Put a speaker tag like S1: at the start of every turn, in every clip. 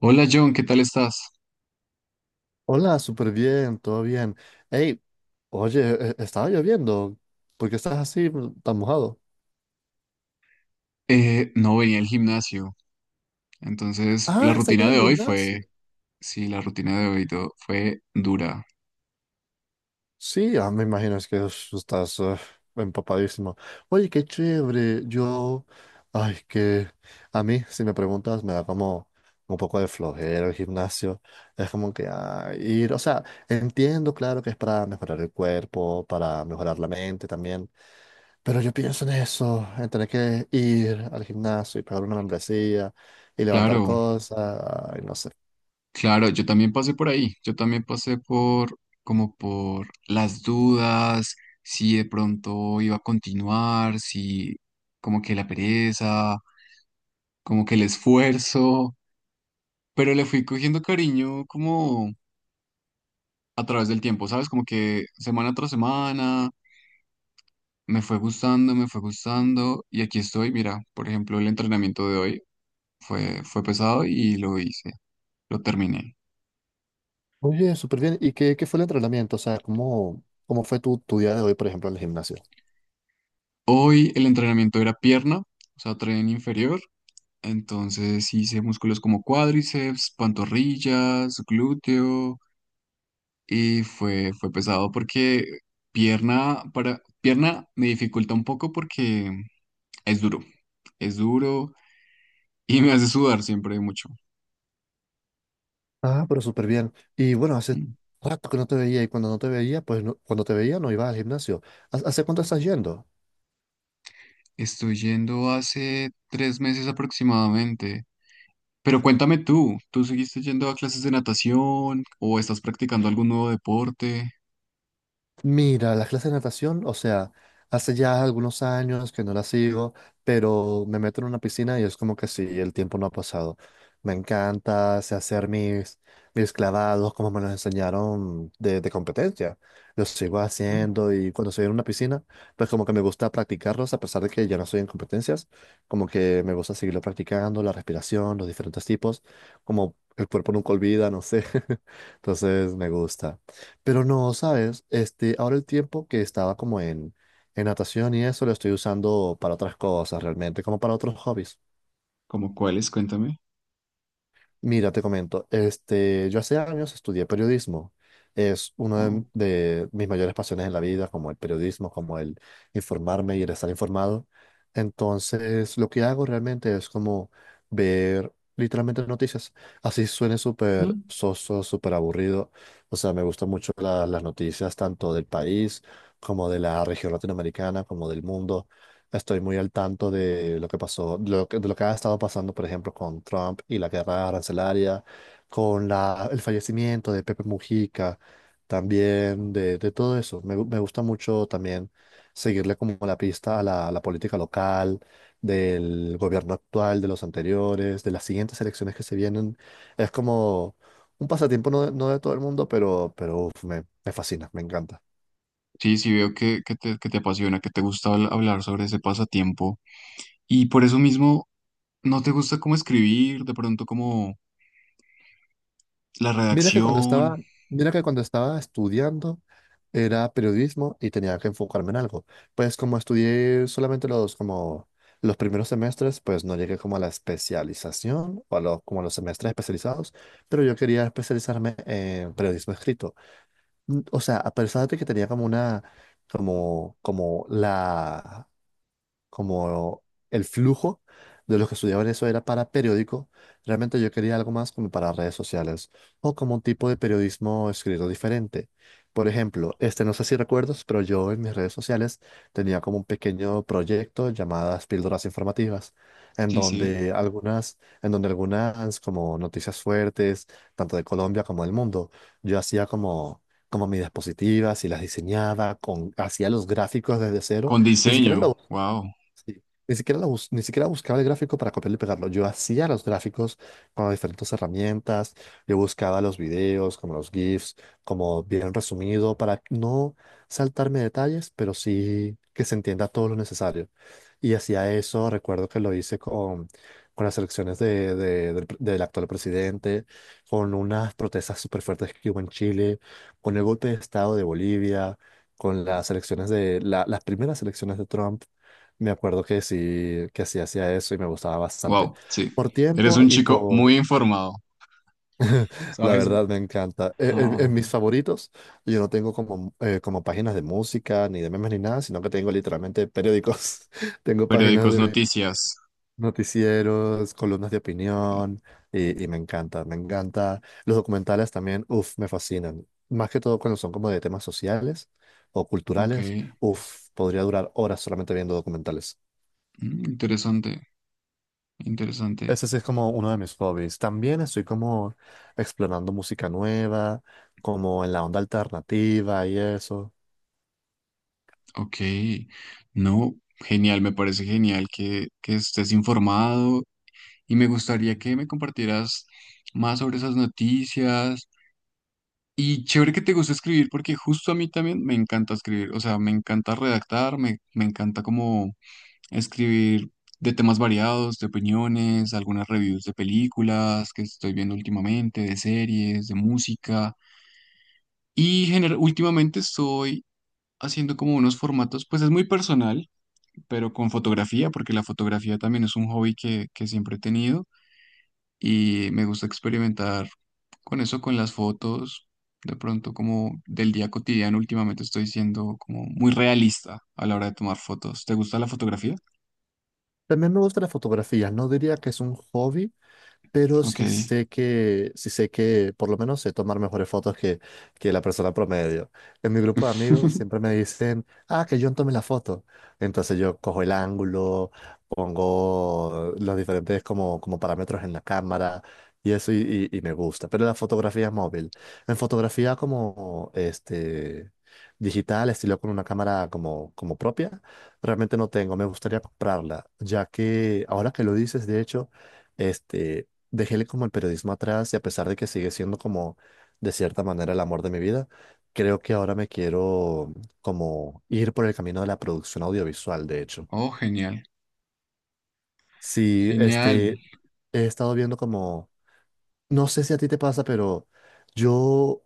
S1: Hola John, ¿qué tal estás?
S2: Hola, súper bien, todo bien. Hey, oye, estaba lloviendo. ¿Por qué estás así tan mojado?
S1: No venía al gimnasio, entonces la
S2: Ah, estás
S1: rutina
S2: yendo al
S1: de hoy
S2: gimnasio.
S1: sí, la rutina de hoy fue dura.
S2: Sí, ah, me imagino es que estás empapadísimo. Oye, qué chévere. Yo, ay, que a mí, si me preguntas, me da como un poco de flojera el gimnasio. Es como que ir, o sea, entiendo, claro, que es para mejorar el cuerpo, para mejorar la mente también. Pero yo pienso en eso, en tener que ir al gimnasio y pagar una membresía y levantar
S1: Claro,
S2: cosas, y no sé.
S1: claro, yo también pasé por ahí, yo también pasé por como por las dudas, si de pronto iba a continuar, si como que la pereza, como que el esfuerzo, pero le fui cogiendo cariño como a través del tiempo, ¿sabes? Como que semana tras semana. Me fue gustando y aquí estoy. Mira, por ejemplo, el entrenamiento de hoy fue pesado y lo hice, lo terminé.
S2: Oye, súper bien. ¿Y qué fue el entrenamiento? O sea, ¿cómo fue tu día de hoy, por ejemplo, en el gimnasio?
S1: Hoy el entrenamiento era pierna, o sea, tren inferior. Entonces hice músculos como cuádriceps, pantorrillas, glúteo y fue pesado porque pierna me dificulta un poco porque es duro, es duro y me hace sudar siempre mucho.
S2: Ah, pero súper bien. Y bueno, hace rato que no te veía y cuando no te veía, pues cuando te veía no ibas al gimnasio. ¿Hace cuánto estás yendo?
S1: Estoy yendo hace 3 meses aproximadamente. Pero cuéntame tú, ¿tú seguiste yendo a clases de natación o estás practicando algún nuevo deporte?
S2: Mira, las clases de natación, o sea, hace ya algunos años que no las sigo, pero me meto en una piscina y es como que sí, el tiempo no ha pasado. Me encanta, sé hacer mis clavados como me los enseñaron de competencia. Los sigo
S1: Mm.
S2: haciendo y cuando estoy en una piscina, pues como que me gusta practicarlos, a pesar de que ya no estoy en competencias, como que me gusta seguirlo practicando, la respiración, los diferentes tipos, como el cuerpo nunca olvida, no sé. Entonces me gusta. Pero no, ¿sabes? Este, ahora el tiempo que estaba como en natación y eso lo estoy usando para otras cosas realmente, como para otros hobbies.
S1: ¿Cómo cuáles? Cuéntame.
S2: Mira, te comento, este, yo hace años estudié periodismo. Es una de,
S1: Oh,
S2: de mis mayores pasiones en la vida, como el periodismo, como el informarme y el estar informado. Entonces, lo que hago realmente es como ver literalmente noticias. Así suene súper
S1: mm.
S2: soso, súper aburrido. O sea, me gustan mucho las noticias tanto del país como de la región latinoamericana, como del mundo. Estoy muy al tanto de lo que pasó, de lo que ha estado pasando, por ejemplo, con Trump y la guerra arancelaria, con el fallecimiento de Pepe Mujica, también de todo eso. Me gusta mucho también seguirle como la pista a a la política local, del gobierno actual, de los anteriores, de las siguientes elecciones que se vienen. Es como un pasatiempo no, de no de todo el mundo, pero uf, me fascina, me encanta.
S1: Sí, sí, veo que te apasiona, que te gusta hablar sobre ese pasatiempo. Y por eso mismo, ¿no te gusta cómo escribir? De pronto, como la
S2: Mira que cuando
S1: redacción.
S2: estaba, mira que cuando estaba estudiando era periodismo y tenía que enfocarme en algo. Pues como estudié solamente los como los primeros semestres, pues no llegué como a la especialización o a los como a los semestres especializados, pero yo quería especializarme en periodismo escrito. O sea, a pesar de que tenía como una como la como el flujo de los que estudiaban eso era para periódico, realmente yo quería algo más como para redes sociales o como un tipo de periodismo escrito diferente. Por ejemplo, este no sé si recuerdas, pero yo en mis redes sociales tenía como un pequeño proyecto llamadas píldoras informativas, en
S1: Sí, sí.
S2: donde algunas, en donde algunas como noticias fuertes, tanto de Colombia como del mundo, yo hacía como mis diapositivas y las diseñaba, hacía los gráficos desde cero,
S1: Con
S2: ni siquiera
S1: diseño.
S2: lo.
S1: Wow,
S2: Sí. Ni siquiera, ni siquiera buscaba el gráfico para copiarlo y pegarlo. Yo hacía los gráficos con diferentes herramientas. Yo buscaba los videos, como los GIFs, como bien resumido, para no saltarme detalles, pero sí que se entienda todo lo necesario. Y hacía eso, recuerdo que lo hice con las elecciones del actual presidente, con unas protestas súper fuertes que hubo en Chile, con el golpe de Estado de Bolivia, con las elecciones de las primeras elecciones de Trump. Me acuerdo que sí hacía eso y me gustaba bastante.
S1: wow, sí.
S2: Por
S1: Eres
S2: tiempo
S1: un
S2: y
S1: chico
S2: por.
S1: muy informado.
S2: La
S1: ¿Sabes?
S2: verdad me encanta. En
S1: Ah.
S2: mis favoritos, yo no tengo como, como páginas de música, ni de memes, ni nada, sino que tengo literalmente periódicos. Tengo páginas
S1: Periódicos,
S2: de
S1: noticias.
S2: noticieros, columnas de opinión y me encanta, me encanta. Los documentales también, uff, me fascinan. Más que todo cuando son como de temas sociales o
S1: Ok,
S2: culturales,
S1: mm,
S2: uff, podría durar horas solamente viendo documentales.
S1: interesante, interesante.
S2: Ese sí es como uno de mis hobbies. También estoy como explorando música nueva, como en la onda alternativa y eso.
S1: Ok, no, genial, me parece genial que estés informado y me gustaría que me compartieras más sobre esas noticias. Y chévere que te gusta escribir porque justo a mí también me encanta escribir, o sea, me encanta redactar, me encanta como escribir de temas variados, de opiniones, algunas reviews de películas que estoy viendo últimamente, de series, de música. Y últimamente estoy haciendo como unos formatos, pues es muy personal, pero con fotografía, porque la fotografía también es un hobby que siempre he tenido y me gusta experimentar con eso, con las fotos, de pronto como del día cotidiano, últimamente estoy siendo como muy realista a la hora de tomar fotos. ¿Te gusta la fotografía?
S2: También me gusta la fotografía. No diría que es un hobby, pero
S1: Ok.
S2: sí sé que por lo menos sé tomar mejores fotos que la persona promedio. En mi grupo de amigos siempre me dicen, ah, que yo tome la foto. Entonces yo cojo el ángulo, pongo los diferentes como parámetros en la cámara y eso y me gusta. Pero la fotografía móvil, en fotografía como este, digital, estilo con una cámara como propia, realmente no tengo, me gustaría comprarla, ya que ahora que lo dices, de hecho, este, dejé como el periodismo atrás y a pesar de que sigue siendo como de cierta manera el amor de mi vida, creo que ahora me quiero como ir por el camino de la producción audiovisual, de hecho.
S1: Oh, genial,
S2: Sí,
S1: genial.
S2: este, he estado viendo como, no sé si a ti te pasa, pero yo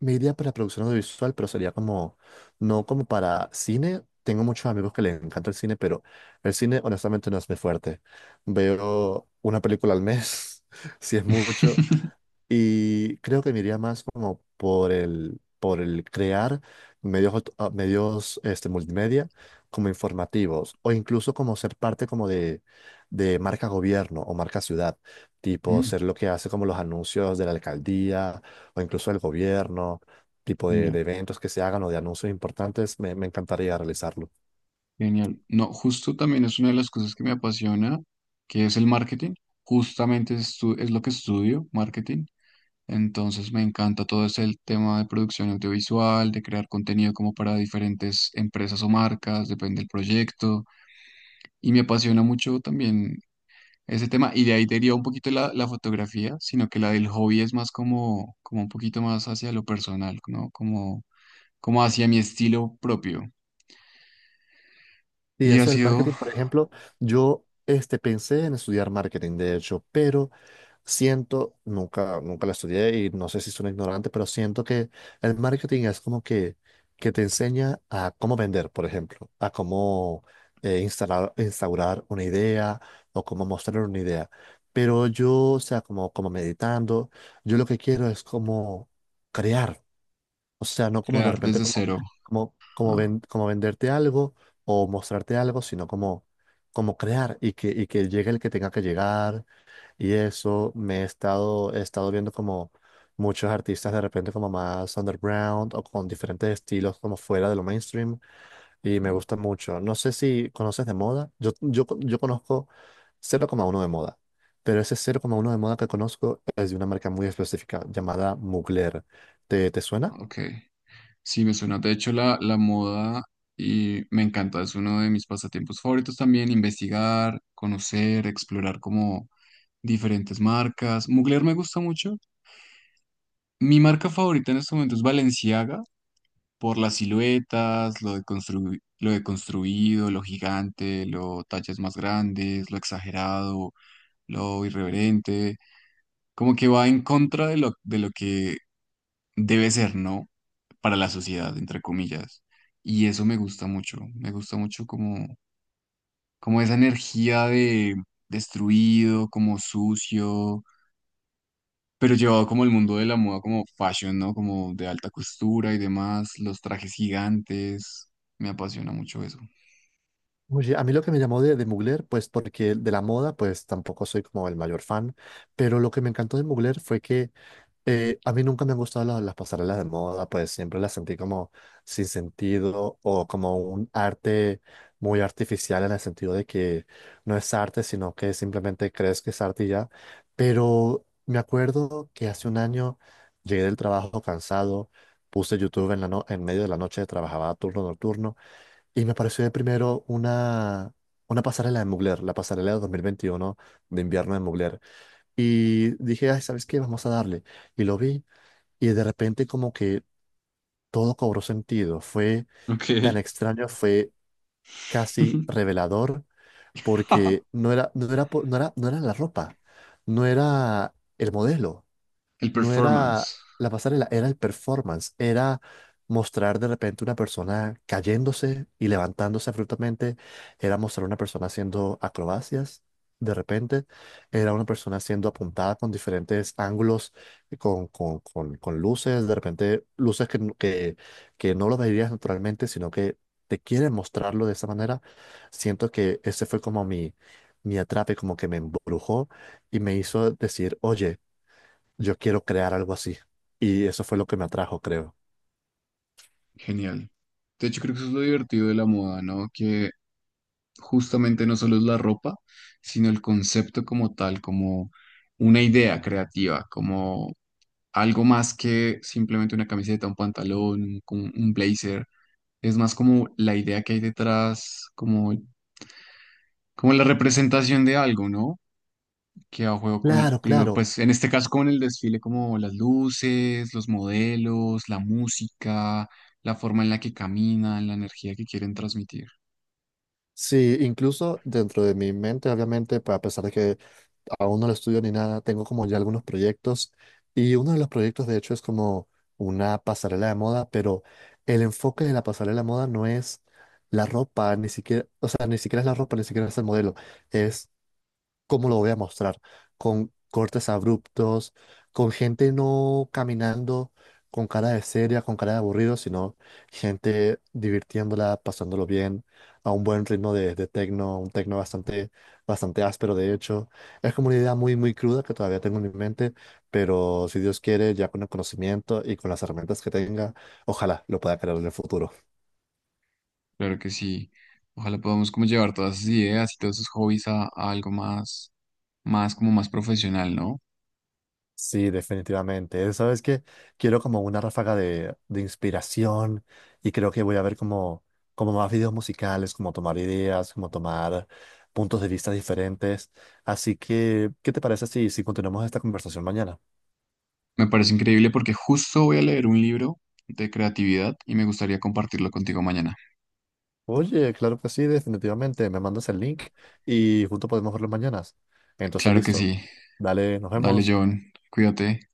S2: me iría para producción audiovisual, pero sería como, no como para cine. Tengo muchos amigos que les encanta el cine, pero el cine honestamente no es mi fuerte. Veo una película al mes, si es mucho. Y creo que me iría más como por el crear medios, medios este, multimedia como informativos o incluso como ser parte como de marca gobierno o marca ciudad, tipo
S1: Mm,
S2: ser lo que hace como los anuncios de la alcaldía o incluso el gobierno, tipo de,
S1: genial.
S2: de eventos que se hagan o de anuncios importantes, me encantaría realizarlo.
S1: Genial. No, justo también es una de las cosas que me apasiona, que es el marketing. Justamente es lo que estudio, marketing. Entonces me encanta todo ese tema de producción audiovisual, de crear contenido como para diferentes empresas o marcas, depende del proyecto. Y me apasiona mucho también ese tema. Y de ahí deriva un poquito la fotografía, sino que la del hobby es más como, como un poquito más hacia lo personal, ¿no? Como, como hacia mi estilo propio.
S2: Y
S1: Y ha
S2: eso del
S1: sido
S2: marketing, por ejemplo, yo este, pensé en estudiar marketing, de hecho, pero siento, nunca, nunca lo estudié y no sé si soy ignorante, pero siento que el marketing es como que te enseña a cómo vender, por ejemplo, a cómo instalar, instaurar una idea o cómo mostrar una idea. Pero yo, o sea, como meditando, yo lo que quiero es como crear. O sea, no como de
S1: crear
S2: repente
S1: desde
S2: como,
S1: cero.
S2: como, como,
S1: Ah.
S2: ven- como venderte algo o mostrarte algo, sino como crear y que llegue el que tenga que llegar. Y eso he estado viendo como muchos artistas de repente como más underground o con diferentes estilos como fuera de lo mainstream y me gusta mucho. No sé si conoces de moda. Yo conozco 0,1 de moda. Pero ese 0,1 de moda que conozco es de una marca muy específica llamada Mugler. ¿Te suena?
S1: Ok, sí me suena. De hecho, la moda y me encanta, es uno de mis pasatiempos favoritos también, investigar, conocer, explorar como diferentes marcas. Mugler me gusta mucho. Mi marca favorita en este momento es Balenciaga, por las siluetas, lo de lo de construido, lo gigante, lo tallas más grandes, lo exagerado, lo irreverente. Como que va en contra de lo que debe ser no para la sociedad, entre comillas. Y eso me gusta mucho como, como esa energía de destruido, como sucio, pero llevado como el mundo de la moda, como fashion, ¿no? Como de alta costura y demás, los trajes gigantes, me apasiona mucho eso.
S2: Oye, a mí lo que me llamó de Mugler, pues porque de la moda, pues tampoco soy como el mayor fan, pero lo que me encantó de Mugler fue que a mí nunca me han gustado las pasarelas de moda, pues siempre las sentí como sin sentido o como un arte muy artificial en el sentido de que no es arte, sino que simplemente crees que es arte y ya. Pero me acuerdo que hace un año llegué del trabajo cansado, puse YouTube en la no- en medio de la noche, trabajaba turno nocturno. Y me apareció de primero una pasarela de Mugler, la pasarela de 2021 de invierno de Mugler. Y dije, ay, ¿sabes qué? Vamos a darle. Y lo vi y de repente como que todo cobró sentido. Fue
S1: Ok.
S2: tan extraño, fue casi revelador porque no era, no era, po- no era, no era la ropa, no era el modelo.
S1: El
S2: No
S1: performance,
S2: era la pasarela, era el performance, era mostrar de repente una persona cayéndose y levantándose abruptamente, era mostrar una persona haciendo acrobacias. De repente, era una persona siendo apuntada con diferentes ángulos, con luces, de repente luces que no lo verías naturalmente, sino que te quieren mostrarlo de esa manera. Siento que ese fue como mi atrape, como que me embrujó y me hizo decir, oye, yo quiero crear algo así. Y eso fue lo que me atrajo, creo.
S1: genial. De hecho, creo que eso es lo divertido de la moda, ¿no? Que justamente no solo es la ropa, sino el concepto como tal, como una idea creativa, como algo más que simplemente una camiseta, un pantalón, un blazer. Es más como la idea que hay detrás, como, como la representación de algo, ¿no? Que a juego
S2: Claro,
S1: con lo-
S2: claro.
S1: pues en este caso con el desfile, como las luces, los modelos, la música, la forma en la que caminan, la energía que quieren transmitir.
S2: Sí, incluso dentro de mi mente, obviamente, a pesar de que aún no lo estudio ni nada, tengo como ya algunos proyectos. Y uno de los proyectos, de hecho, es como una pasarela de moda, pero el enfoque de la pasarela de moda no es la ropa, ni siquiera, o sea, ni siquiera es la ropa, ni siquiera es el modelo. Es cómo lo voy a mostrar, con cortes abruptos, con gente no caminando con cara de seria, con cara de aburrido, sino gente divirtiéndola, pasándolo bien, a un buen ritmo de tecno, un tecno bastante, bastante áspero, de hecho. Es como una idea muy, muy cruda que todavía tengo en mi mente, pero si Dios quiere, ya con el conocimiento y con las herramientas que tenga, ojalá lo pueda crear en el futuro.
S1: Claro que sí. Ojalá podamos como llevar todas esas ideas y todos esos hobbies a algo más, más como más profesional, ¿no?
S2: Sí, definitivamente. ¿Sabes qué? Quiero como una ráfaga de inspiración y creo que voy a ver como más videos musicales, como tomar ideas, como tomar puntos de vista diferentes. Así que, ¿qué te parece si continuamos esta conversación mañana?
S1: Me parece increíble porque justo voy a leer un libro de creatividad y me gustaría compartirlo contigo mañana.
S2: Oye, claro que sí, definitivamente. Me mandas el link y juntos podemos verlo mañana. Entonces,
S1: Claro que
S2: listo.
S1: sí.
S2: Dale, nos
S1: Dale,
S2: vemos.
S1: John. Cuídate.